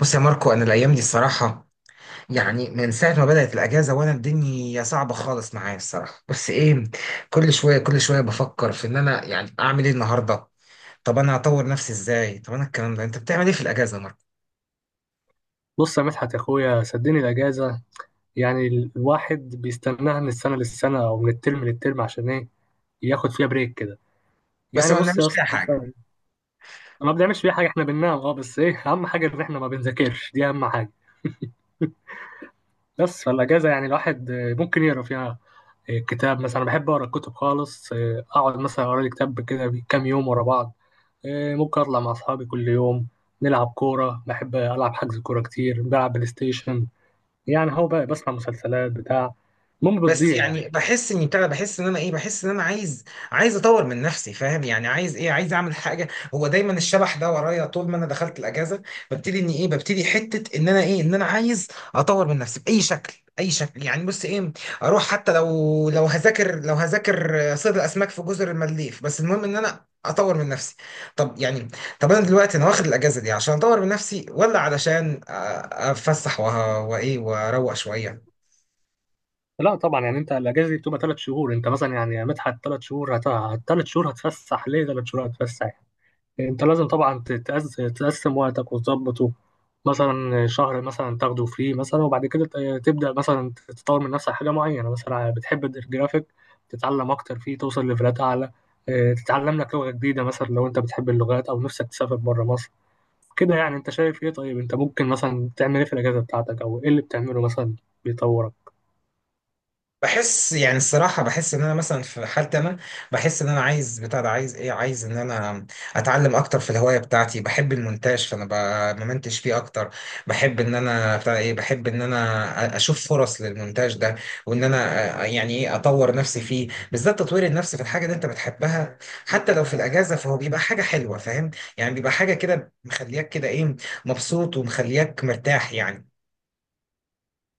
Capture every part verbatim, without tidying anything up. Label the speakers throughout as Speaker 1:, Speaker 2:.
Speaker 1: بص يا ماركو، انا الايام دي الصراحه يعني من ساعه ما بدات الاجازه وانا الدنيا صعبه خالص معايا الصراحه. بس ايه، كل شويه كل شويه بفكر في ان انا يعني اعمل ايه النهارده؟ طب انا هطور نفسي ازاي؟ طب انا الكلام ده، انت بتعمل ايه في الاجازه يا ماركو؟
Speaker 2: بص يا مدحت يا اخويا، صدقني الاجازه يعني الواحد بيستناها من السنه للسنه او من الترم للترم، عشان ايه؟ ياخد فيها بريك كده.
Speaker 1: بس
Speaker 2: يعني
Speaker 1: ما
Speaker 2: بص يا
Speaker 1: بنعملش فيها
Speaker 2: اسطى،
Speaker 1: حاجه.
Speaker 2: أنا ما بنعملش فيها حاجه، احنا بننام اه، بس ايه اهم حاجه؟ ان احنا ما بنذاكرش، دي اهم حاجه. بس فالاجازه يعني الواحد آه، ممكن يقرا فيها آه، كتاب مثلا. أنا بحب اقرا الكتب خالص، آه، اقعد مثلا اقرا لي كتاب كده كام يوم ورا بعض. آه، ممكن اطلع مع اصحابي كل يوم، نلعب كوره، بحب العب حجز كوره كتير، بلعب بلاي ستيشن. يعني هو بقى بسمع مسلسلات بتاع، المهم
Speaker 1: بس
Speaker 2: بتضيع يعني.
Speaker 1: يعني بحس اني بتاع ده، بحس ان انا ايه، بحس ان انا عايز عايز اطور من نفسي، فاهم؟ يعني عايز ايه؟ عايز اعمل حاجه. هو دايما الشبح ده ورايا طول ما انا دخلت الاجازه. ببتدي اني ايه، ببتدي حته ان انا ايه، ان انا عايز اطور من نفسي باي شكل، اي شكل. يعني بص ايه، اروح حتى لو لو هذاكر لو هذاكر صيد الاسماك في جزر المالديف، بس المهم ان انا اطور من نفسي. طب يعني طب انا دلوقتي انا واخد الاجازه دي عشان اطور من نفسي، ولا علشان أ- اتفسح وه- وايه، واروق شويه؟
Speaker 2: لا طبعا، يعني انت الاجازه دي بتبقى ثلاث شهور، انت مثلا يعني يا مدحت ثلاث شهور هت... ثلاث شهور هتفسح ليه؟ ثلاث شهور هتفسح. يعني انت لازم طبعا تتأز... تقسم وقتك وتظبطه. مثلا شهر مثلا تاخده فري مثلا، وبعد كده ت- تبدأ مثلا تطور من نفسك حاجه معينه، مثلا بتحب الجرافيك. تتعلم اكتر فيه، توصل ليفلات اعلى. اه، تتعلم لك لغه جديده، مثلا لو انت بتحب اللغات او نفسك تسافر بره مصر. كده يعني انت شايف ايه؟ طيب انت ممكن مثلا تعمل ايه في الاجازه بتاعتك، او ايه اللي بتعمله مثلا بيطورك؟
Speaker 1: بحس يعني الصراحة، بحس إن أنا مثلا في حالتي أنا، بحس إن أنا عايز بتاع ده، عايز إيه، عايز إن أنا أتعلم أكتر في الهواية بتاعتي. بحب المونتاج فأنا ب- بمنتج فيه أكتر. بحب إن أنا بتاع إيه، بحب إن أنا أ- أشوف فرص للمونتاج ده، وإن أنا أ- يعني إيه، أطور نفسي فيه، بالذات تطوير النفس في الحاجة اللي أنت بتحبها حتى لو في الأجازة فهو بيبقى حاجة حلوة، فاهم؟ يعني بيبقى حاجة كده، مخلياك كده إيه، مبسوط، ومخلياك مرتاح يعني.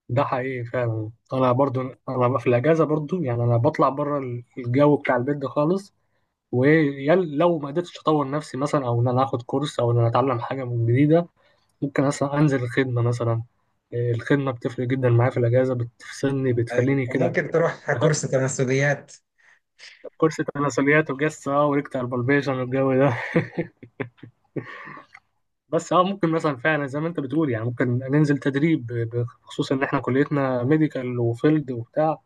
Speaker 2: ده حقيقي فعلا، انا برضو انا بقى في الاجازه برضو، يعني انا بطلع بره الجو بتاع البيت ده خالص. ولو ما قدرتش اطور نفسي مثلا، او ان انا اخد كورس، او ان انا اتعلم حاجه من جديده، ممكن مثلا انزل الخدمه مثلا. إيه، الخدمه بتفرق جدا معايا في الاجازه، بتفصلني
Speaker 1: أيوة،
Speaker 2: بتخليني كده
Speaker 1: وممكن تروح كورس تناسليات.
Speaker 2: كورس تناسليات وجسه وريكت بالبيشن والجو ده. بس اه، ممكن مثلا فعلا زي ما انت بتقول، يعني ممكن ننزل تدريب ب- بخصوص ان احنا كليتنا ميديكال وفيلد وبتاع.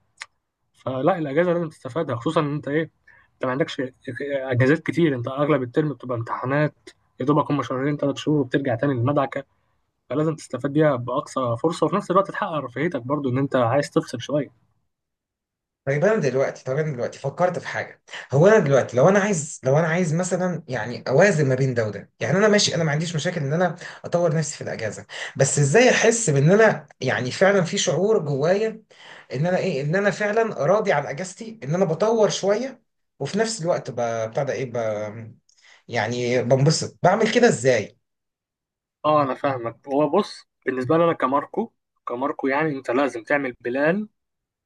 Speaker 2: فلا الاجازه لازم تستفادها، خصوصا ان انت ايه، انت ما عندكش اجازات كتير، انت اغلب الترم بتبقى امتحانات، يا دوبك هم شهرين ثلاث شهور وبترجع تاني للمدعكه. فلازم تستفاد بيها باقصى فرصه، وفي نفس الوقت تحقق رفاهيتك برضو، ان انت عايز تفصل شويه.
Speaker 1: طيب، انا دلوقتي طب انا دلوقتي فكرت في حاجه. هو انا دلوقتي لو انا عايز لو انا عايز مثلا يعني اوازن ما بين ده وده، يعني انا ماشي، انا ما عنديش مشاكل ان انا اطور نفسي في الاجازه. بس ازاي احس بان انا يعني فعلا في شعور جوايا ان انا ايه، ان انا فعلا راضي عن اجازتي، ان انا بطور شويه، وفي نفس الوقت ب- بتاع ده ايه، ب... يعني بنبسط، بعمل كده ازاي؟
Speaker 2: اه، انا فاهمك. هو بص، بالنسبه لي انا كماركو، كماركو يعني انت لازم تعمل بلان،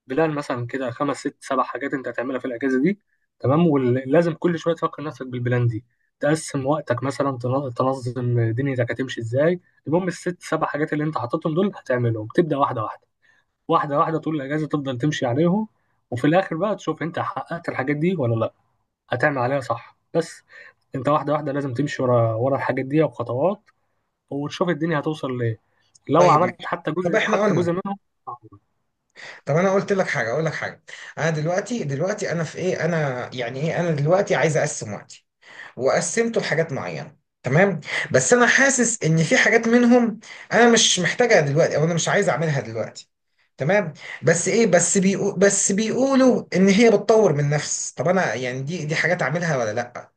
Speaker 2: بلان مثلا كده خمس ست سبع حاجات انت هتعملها في الاجازه دي. تمام، ولازم كل شويه تفكر نفسك بالبلان دي، تقسم وقتك مثلا، تن- تنظم دنيتك هتمشي ازاي. المهم الست سبع حاجات اللي انت حاططهم دول هتعملهم، تبدا واحده واحده، واحده واحده طول الاجازه تفضل تمشي عليهم. وفي الاخر بقى تشوف انت حققت الحاجات دي ولا لا، هتعمل عليها صح بس انت واحده واحده لازم تمشي ورا ورا الحاجات دي وخطوات، وتشوف الدنيا هتوصل لايه لو
Speaker 1: طيب
Speaker 2: عملت
Speaker 1: ماشي.
Speaker 2: حتى
Speaker 1: طب
Speaker 2: جزء
Speaker 1: احنا
Speaker 2: حتى
Speaker 1: قلنا،
Speaker 2: جزء منهم. آه.
Speaker 1: طب انا قلت لك حاجه، اقول لك حاجه. انا دلوقتي، دلوقتي انا في ايه، انا يعني ايه، انا دلوقتي عايز اقسم وقتي، وقسمته لحاجات معينه، تمام. بس انا حاسس ان في حاجات منهم انا مش محتاجها دلوقتي، او انا مش عايز اعملها دلوقتي، تمام. بس ايه، بس بيقو بس بيقولوا ان هي بتطور من نفس، طب انا يعني دي دي حاجات اعملها ولا لا؟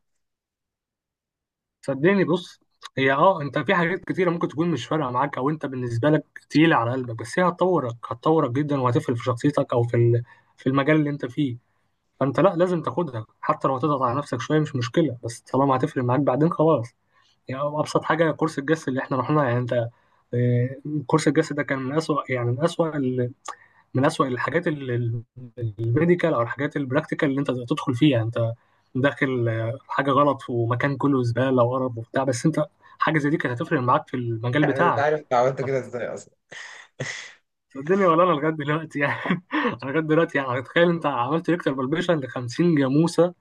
Speaker 2: صدقني بص، هي اه انت في حاجات كتيره ممكن تكون مش فارقه معاك، او انت بالنسبه لك تقيله على قلبك، بس هي هتطورك، هتطورك جدا، وهتفرق في شخصيتك او في ال- في المجال اللي انت فيه. فانت لا، لازم تاخدها حتى لو هتضغط على نفسك شويه، مش مشكله، بس طالما هتفرق معاك بعدين خلاص. يعني ابسط حاجه كورس الجس اللي احنا رحناه، يعني انت آه، كورس الجس ده كان من اسوأ، يعني من اسوأ، من أسوأ الحاجات ال- ال- الميديكال أو الحاجات البراكتيكال اللي أنت تدخل فيها، أنت داخل آه، حاجة غلط، ومكان كله زبالة وقرف وبتاع، بس أنت حاجة زي دي كانت هتفرق معاك في المجال
Speaker 1: يعني انت
Speaker 2: بتاعك.
Speaker 1: عارف أنت عملت كده ازاي اصلا؟
Speaker 2: الدنيا ولا أنا لغاية دلوقتي يعني أنا لغاية دلوقتي يعني، تخيل أنت عملت ريكتر بالبيشن ل خمسين جاموسة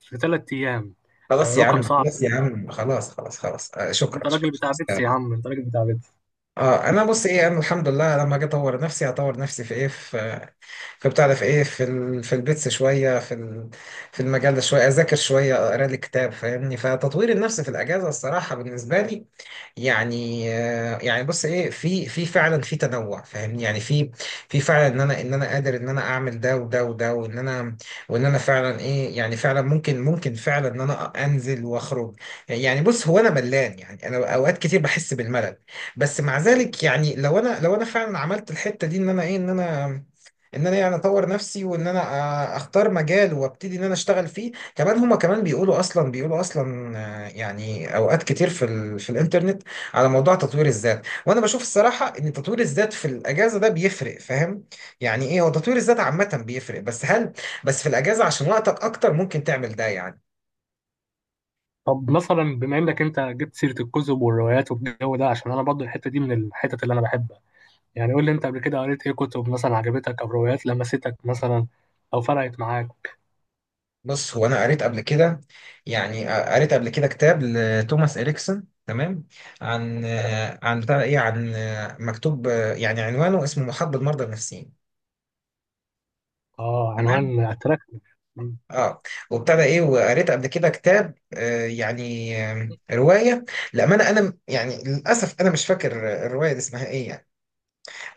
Speaker 2: في ثلاث أيام.
Speaker 1: خلاص يا
Speaker 2: رقم
Speaker 1: عم،
Speaker 2: صعب.
Speaker 1: خلاص يا عم، خلاص خلاص خلاص، آه
Speaker 2: انت
Speaker 1: شكرا، شكرا.
Speaker 2: راجل بتاع بيتس يا عم، انت راجل بتاع بيتس.
Speaker 1: اه انا بص ايه، انا الحمد لله لما اجي اطور نفسي، هطور نفسي في ايه، في، فبتعرف ايه، في ال... في البيتس شويه، في ال... في المجال ده شويه، اذاكر شويه، اقرا لي كتاب، فاهمني؟ فتطوير النفس في الاجازه الصراحه بالنسبه لي، يعني آه، يعني بص ايه، في في فعلا في تنوع، فاهمني؟ يعني في، في فعلا ان انا، ان انا قادر ان انا اعمل ده وده وده، وان انا، وان انا فعلا ايه، يعني فعلا ممكن، ممكن فعلا ان انا انزل واخرج. يعني بص، هو انا ملان يعني، انا اوقات كتير بحس بالملل. بس مع ذلك يعني، لو انا، لو انا فعلا عملت الحتة دي، ان انا ايه، ان انا ان انا يعني اطور نفسي، وان انا آه، اختار مجال وابتدي ان انا اشتغل فيه كمان. هما كمان بيقولوا اصلا، بيقولوا اصلا آه، يعني اوقات كتير في ال في الانترنت على موضوع تطوير الذات. وانا بشوف الصراحه ان تطوير الذات في الاجازه ده بيفرق، فاهم؟ يعني ايه هو تطوير الذات عامه بيفرق، بس هل بس في الاجازه عشان وقتك اكتر ممكن تعمل ده يعني؟
Speaker 2: طب مثلا بما انك انت جبت سيره الكتب والروايات والجو ده، عشان انا برضو الحته دي من الحتت اللي انا بحبها، يعني قول لي انت قبل كده قريت ايه كتب مثلا عجبتك، او روايات لمستك مثلا، او فرقت معاك.
Speaker 1: بص هو انا قريت قبل كده، يعني قريت قبل كده كتاب لتوماس اريكسون، تمام. عن، عن بتاع ايه، عن، مكتوب يعني عنوانه، اسمه محاط بالمرضى النفسيين،
Speaker 2: اه،
Speaker 1: تمام.
Speaker 2: عنوان اتراكتيف.
Speaker 1: اه، وابتدى ايه، وقريت قبل كده كتاب، آه يعني، آه روايه، للامانه انا م- يعني للاسف انا مش فاكر الروايه دي اسمها ايه يعني.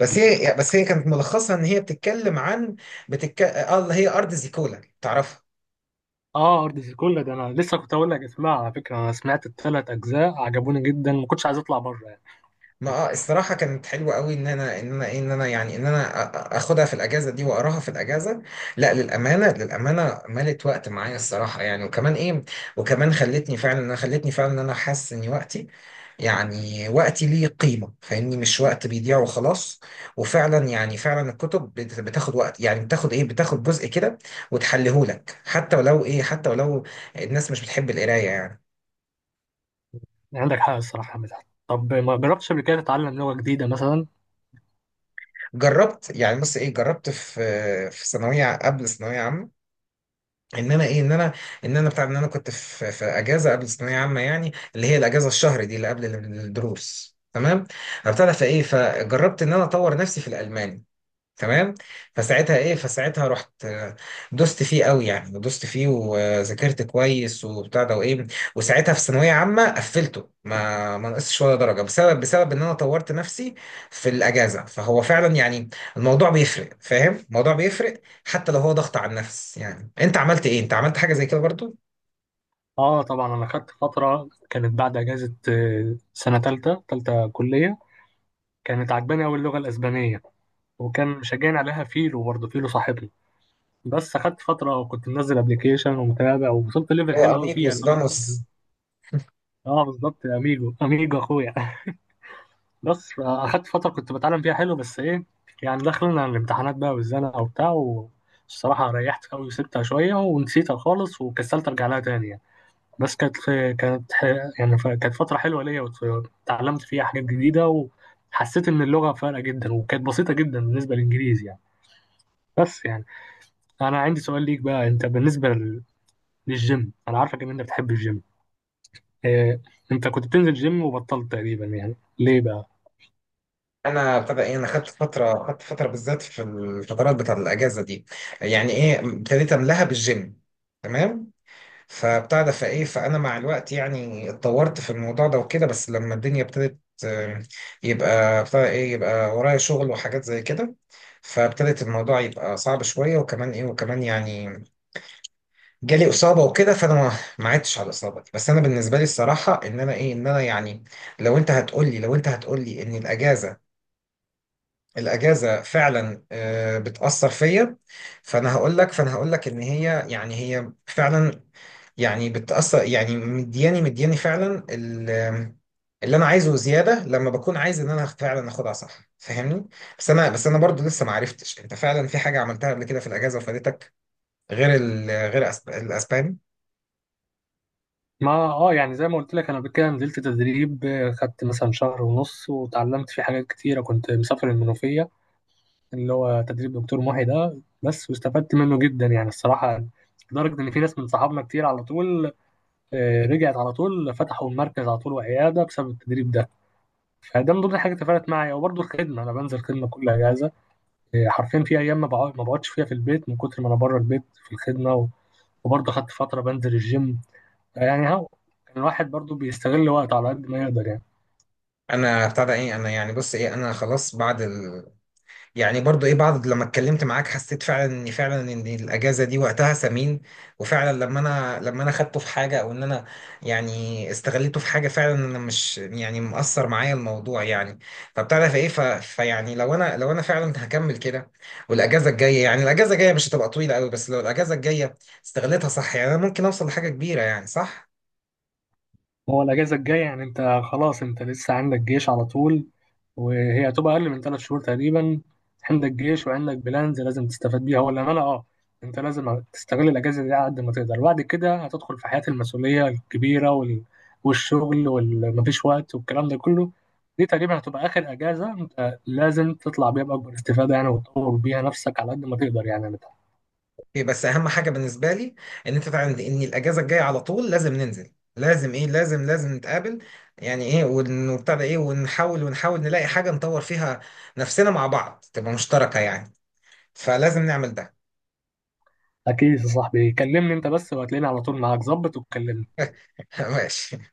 Speaker 1: بس هي، بس هي كانت ملخصها ان هي بتتكلم عن، بتتك... اه اللي هي ارض زيكولا، تعرفها؟
Speaker 2: اه، ارض زيكولا ده انا لسه كنت اقول لك اسمعها، على فكره انا سمعت الثلاث اجزاء عجبوني جدا، ما كنتش عايز اطلع بره يعني.
Speaker 1: ما آه، الصراحه كانت حلوه قوي ان انا، ان انا إيه، ان انا يعني، ان انا أ- أ- اخدها في الاجازه دي واقراها في الاجازه. لا للامانه، للامانه ملت وقت معايا الصراحه يعني، وكمان ايه، وكمان خلتني فعلا انا خلتني فعلا ان انا حاسس ان وقتي، يعني وقتي ليه قيمه، فاهمني؟ مش وقت بيضيع وخلاص. وفعلا يعني فعلا الكتب بت- بتاخد وقت، يعني بتاخد ايه، بتاخد جزء كده وتحلهولك، حتى ولو ايه حتى ولو الناس مش بتحب القرايه يعني.
Speaker 2: يعني عندك حق الصراحه يا مدحت، طب ما جربتش قبل كده تتعلم لغه جديده مثلا؟
Speaker 1: جربت، يعني بص ايه، جربت في، في ثانويه قبل ثانويه عامه، ان انا ايه، ان انا ان انا بتاع ان انا كنت في في اجازه قبل الثانويه عامه، يعني اللي هي الاجازه الشهر دي اللي قبل الدروس، تمام. ابتدى فايه، فجربت ان انا اطور نفسي في الالماني، تمام. فساعتها ايه فساعتها رحت، آه، دوست فيه قوي يعني دوست فيه، وذاكرت كويس، وبتاع ده وايه، وساعتها في ثانويه عامه قفلته، ما ما نقصش ولا درجه، بسبب بسبب ان انا طورت نفسي في الاجازه، فهو فعلا يعني الموضوع بيفرق، فاهم؟ الموضوع بيفرق حتى لو هو ضغط على النفس. يعني انت عملت ايه؟ انت عملت حاجه زي كده برضو؟
Speaker 2: اه طبعا، انا خدت فتره كانت بعد اجازه آه، سنه ثالثه ثالثه كليه. كانت عجباني قوي اللغه الاسبانيه، وكان مشجعني عليها فيلو، برضه فيلو صاحبنا. بس خدت فترة وكنت منزل ابلكيشن ومتابع، ووصلت ليفل
Speaker 1: هو
Speaker 2: حلو قوي فيها.
Speaker 1: اميجوس فانوس.
Speaker 2: اه بالظبط يا اميجو، اميجو اخويا بس اخدت فترة كنت بتعلم فيها حلو، بس ايه؟ يعني دخلنا الامتحانات بقى والزنقة وبتاع، والصراحة ريحت قوي وسبتها شوية، ونسيتها خالص وكسلت ارجع لها تاني يعني. بس كانت كانت، يعني ف- كانت فترة حلوة ليا، واتعلمت فيها حاجات جديدة. وحسيت ان اللغة فارقة جدا، وكانت بسيطة جدا بالنسبة للانجليزي يعني، بس يعني انا عندي سؤال ليك بقى، انت بالنسبة للجيم انا عارفك ان انت بتحب الجيم. إيه، انت كنت بتنزل جيم وبطلت تقريبا، يعني ليه بقى؟
Speaker 1: انا ابتدى ايه، انا خدت فتره، خدت فتره بالذات في الفترات بتاعت الاجازه دي، يعني ايه، ابتديت املاها بالجيم، تمام. فبتاع ده، فايه، فانا مع الوقت يعني اتطورت في الموضوع ده وكده. بس لما الدنيا ابتدت، آه، يبقى بتاع ايه، يبقى ورايا شغل وحاجات زي كده، فابتدت الموضوع يبقى صعب شويه، وكمان ايه، وكمان يعني جالي اصابه وكده، فانا ما ما عدتش على الاصابه دي. بس انا بالنسبه لي الصراحه ان انا ايه، ان انا يعني، لو انت هتقول لي لو انت هتقول لي ان الاجازه، الاجازه فعلا آه، بتاثر فيا، فانا هقول لك فانا هقول لك ان هي، يعني هي فعلا، يعني بتأثر، يعني مدياني مدياني فعلا ال- اللي انا عايزه زياده، لما بكون عايز ان انا فعلا اخدها صح، فاهمني؟ بس انا بس انا برضو لسه ما عرفتش، انت فعلا في حاجه عملتها قبل كده في الاجازه وفادتك غير ال... غير أسب... الاسباني؟
Speaker 2: ما اه، يعني زي ما قلت لك، انا قبل كده نزلت تدريب آه، خدت مثلا شهر ونص وتعلمت فيه حاجات كتيره، كنت مسافر المنوفيه اللي هو تدريب دكتور محي ده بس، واستفدت منه جدا يعني الصراحه. لدرجه ان في ناس من صحابنا كتير على طول آه، رجعت على طول فتحوا المركز على طول وعياده بسبب التدريب ده. فده من ضمن الحاجات اللي فرقت معايا، وبرضه الخدمه، انا بنزل خدمه كل اجازه. إيه، حرفيا في ايام ما بقعد- ما بقعدش فيها في البيت من كتر ما انا بره البيت في الخدمه، و- وبرضه خدت فتره بنزل الجيم. يعني هو كان الواحد برضه بيستغل وقته على قد ما يقدر يعني.
Speaker 1: انا بتاع ده ايه، انا يعني بص ايه، انا خلاص بعد يعني برضو ايه بعض لما اتكلمت معاك، حسيت فعلا ان فعلا ان الاجازه دي وقتها ثمين، وفعلا لما انا لما انا خدته في حاجه، او ان انا يعني استغليته في حاجه، فعلا انا مش يعني مأثر معايا الموضوع يعني. فبتعرف ايه، ف... فيعني لو انا لو انا فعلا هكمل كده، والاجازه الجايه، يعني الاجازه الجايه مش هتبقى طويله قوي، بس لو الاجازه الجايه استغلتها صح، يعني انا ممكن اوصل لحاجه كبيره يعني، صح؟
Speaker 2: هو الأجازة الجاية يعني أنت خلاص أنت لسه عندك جيش على طول، وهي هتبقى أقل من ثلاث شهور تقريبا. عندك جيش وعندك بلانز لازم تستفاد بيها، ولا أنا؟ أه. أنت لازم تستغل الأجازة دي على قد ما تقدر، وبعد كده هتدخل في حياة المسؤولية الكبيرة وال... والشغل ومفيش وقت والكلام ده كله. دي تقريبا هتبقى آخر أجازة، أنت لازم تطلع بيها بأكبر استفادة يعني، وتطور بيها نفسك على قد ما تقدر يعني.
Speaker 1: اوكي، بس اهم حاجه بالنسبه لي ان انت تعرف ان الاجازه الجايه على طول لازم ننزل، لازم ايه، لازم لازم نتقابل، يعني ايه، ون- وبتاع ايه، ونحاول ونحاول نلاقي حاجه نطور فيها نفسنا مع بعض، تبقى مشتركه يعني. فلازم نعمل ده.
Speaker 2: أكيد يا صاحبي، كلمني أنت بس وهتلاقيني على طول معاك ظبط وتكلمني.
Speaker 1: ماشي.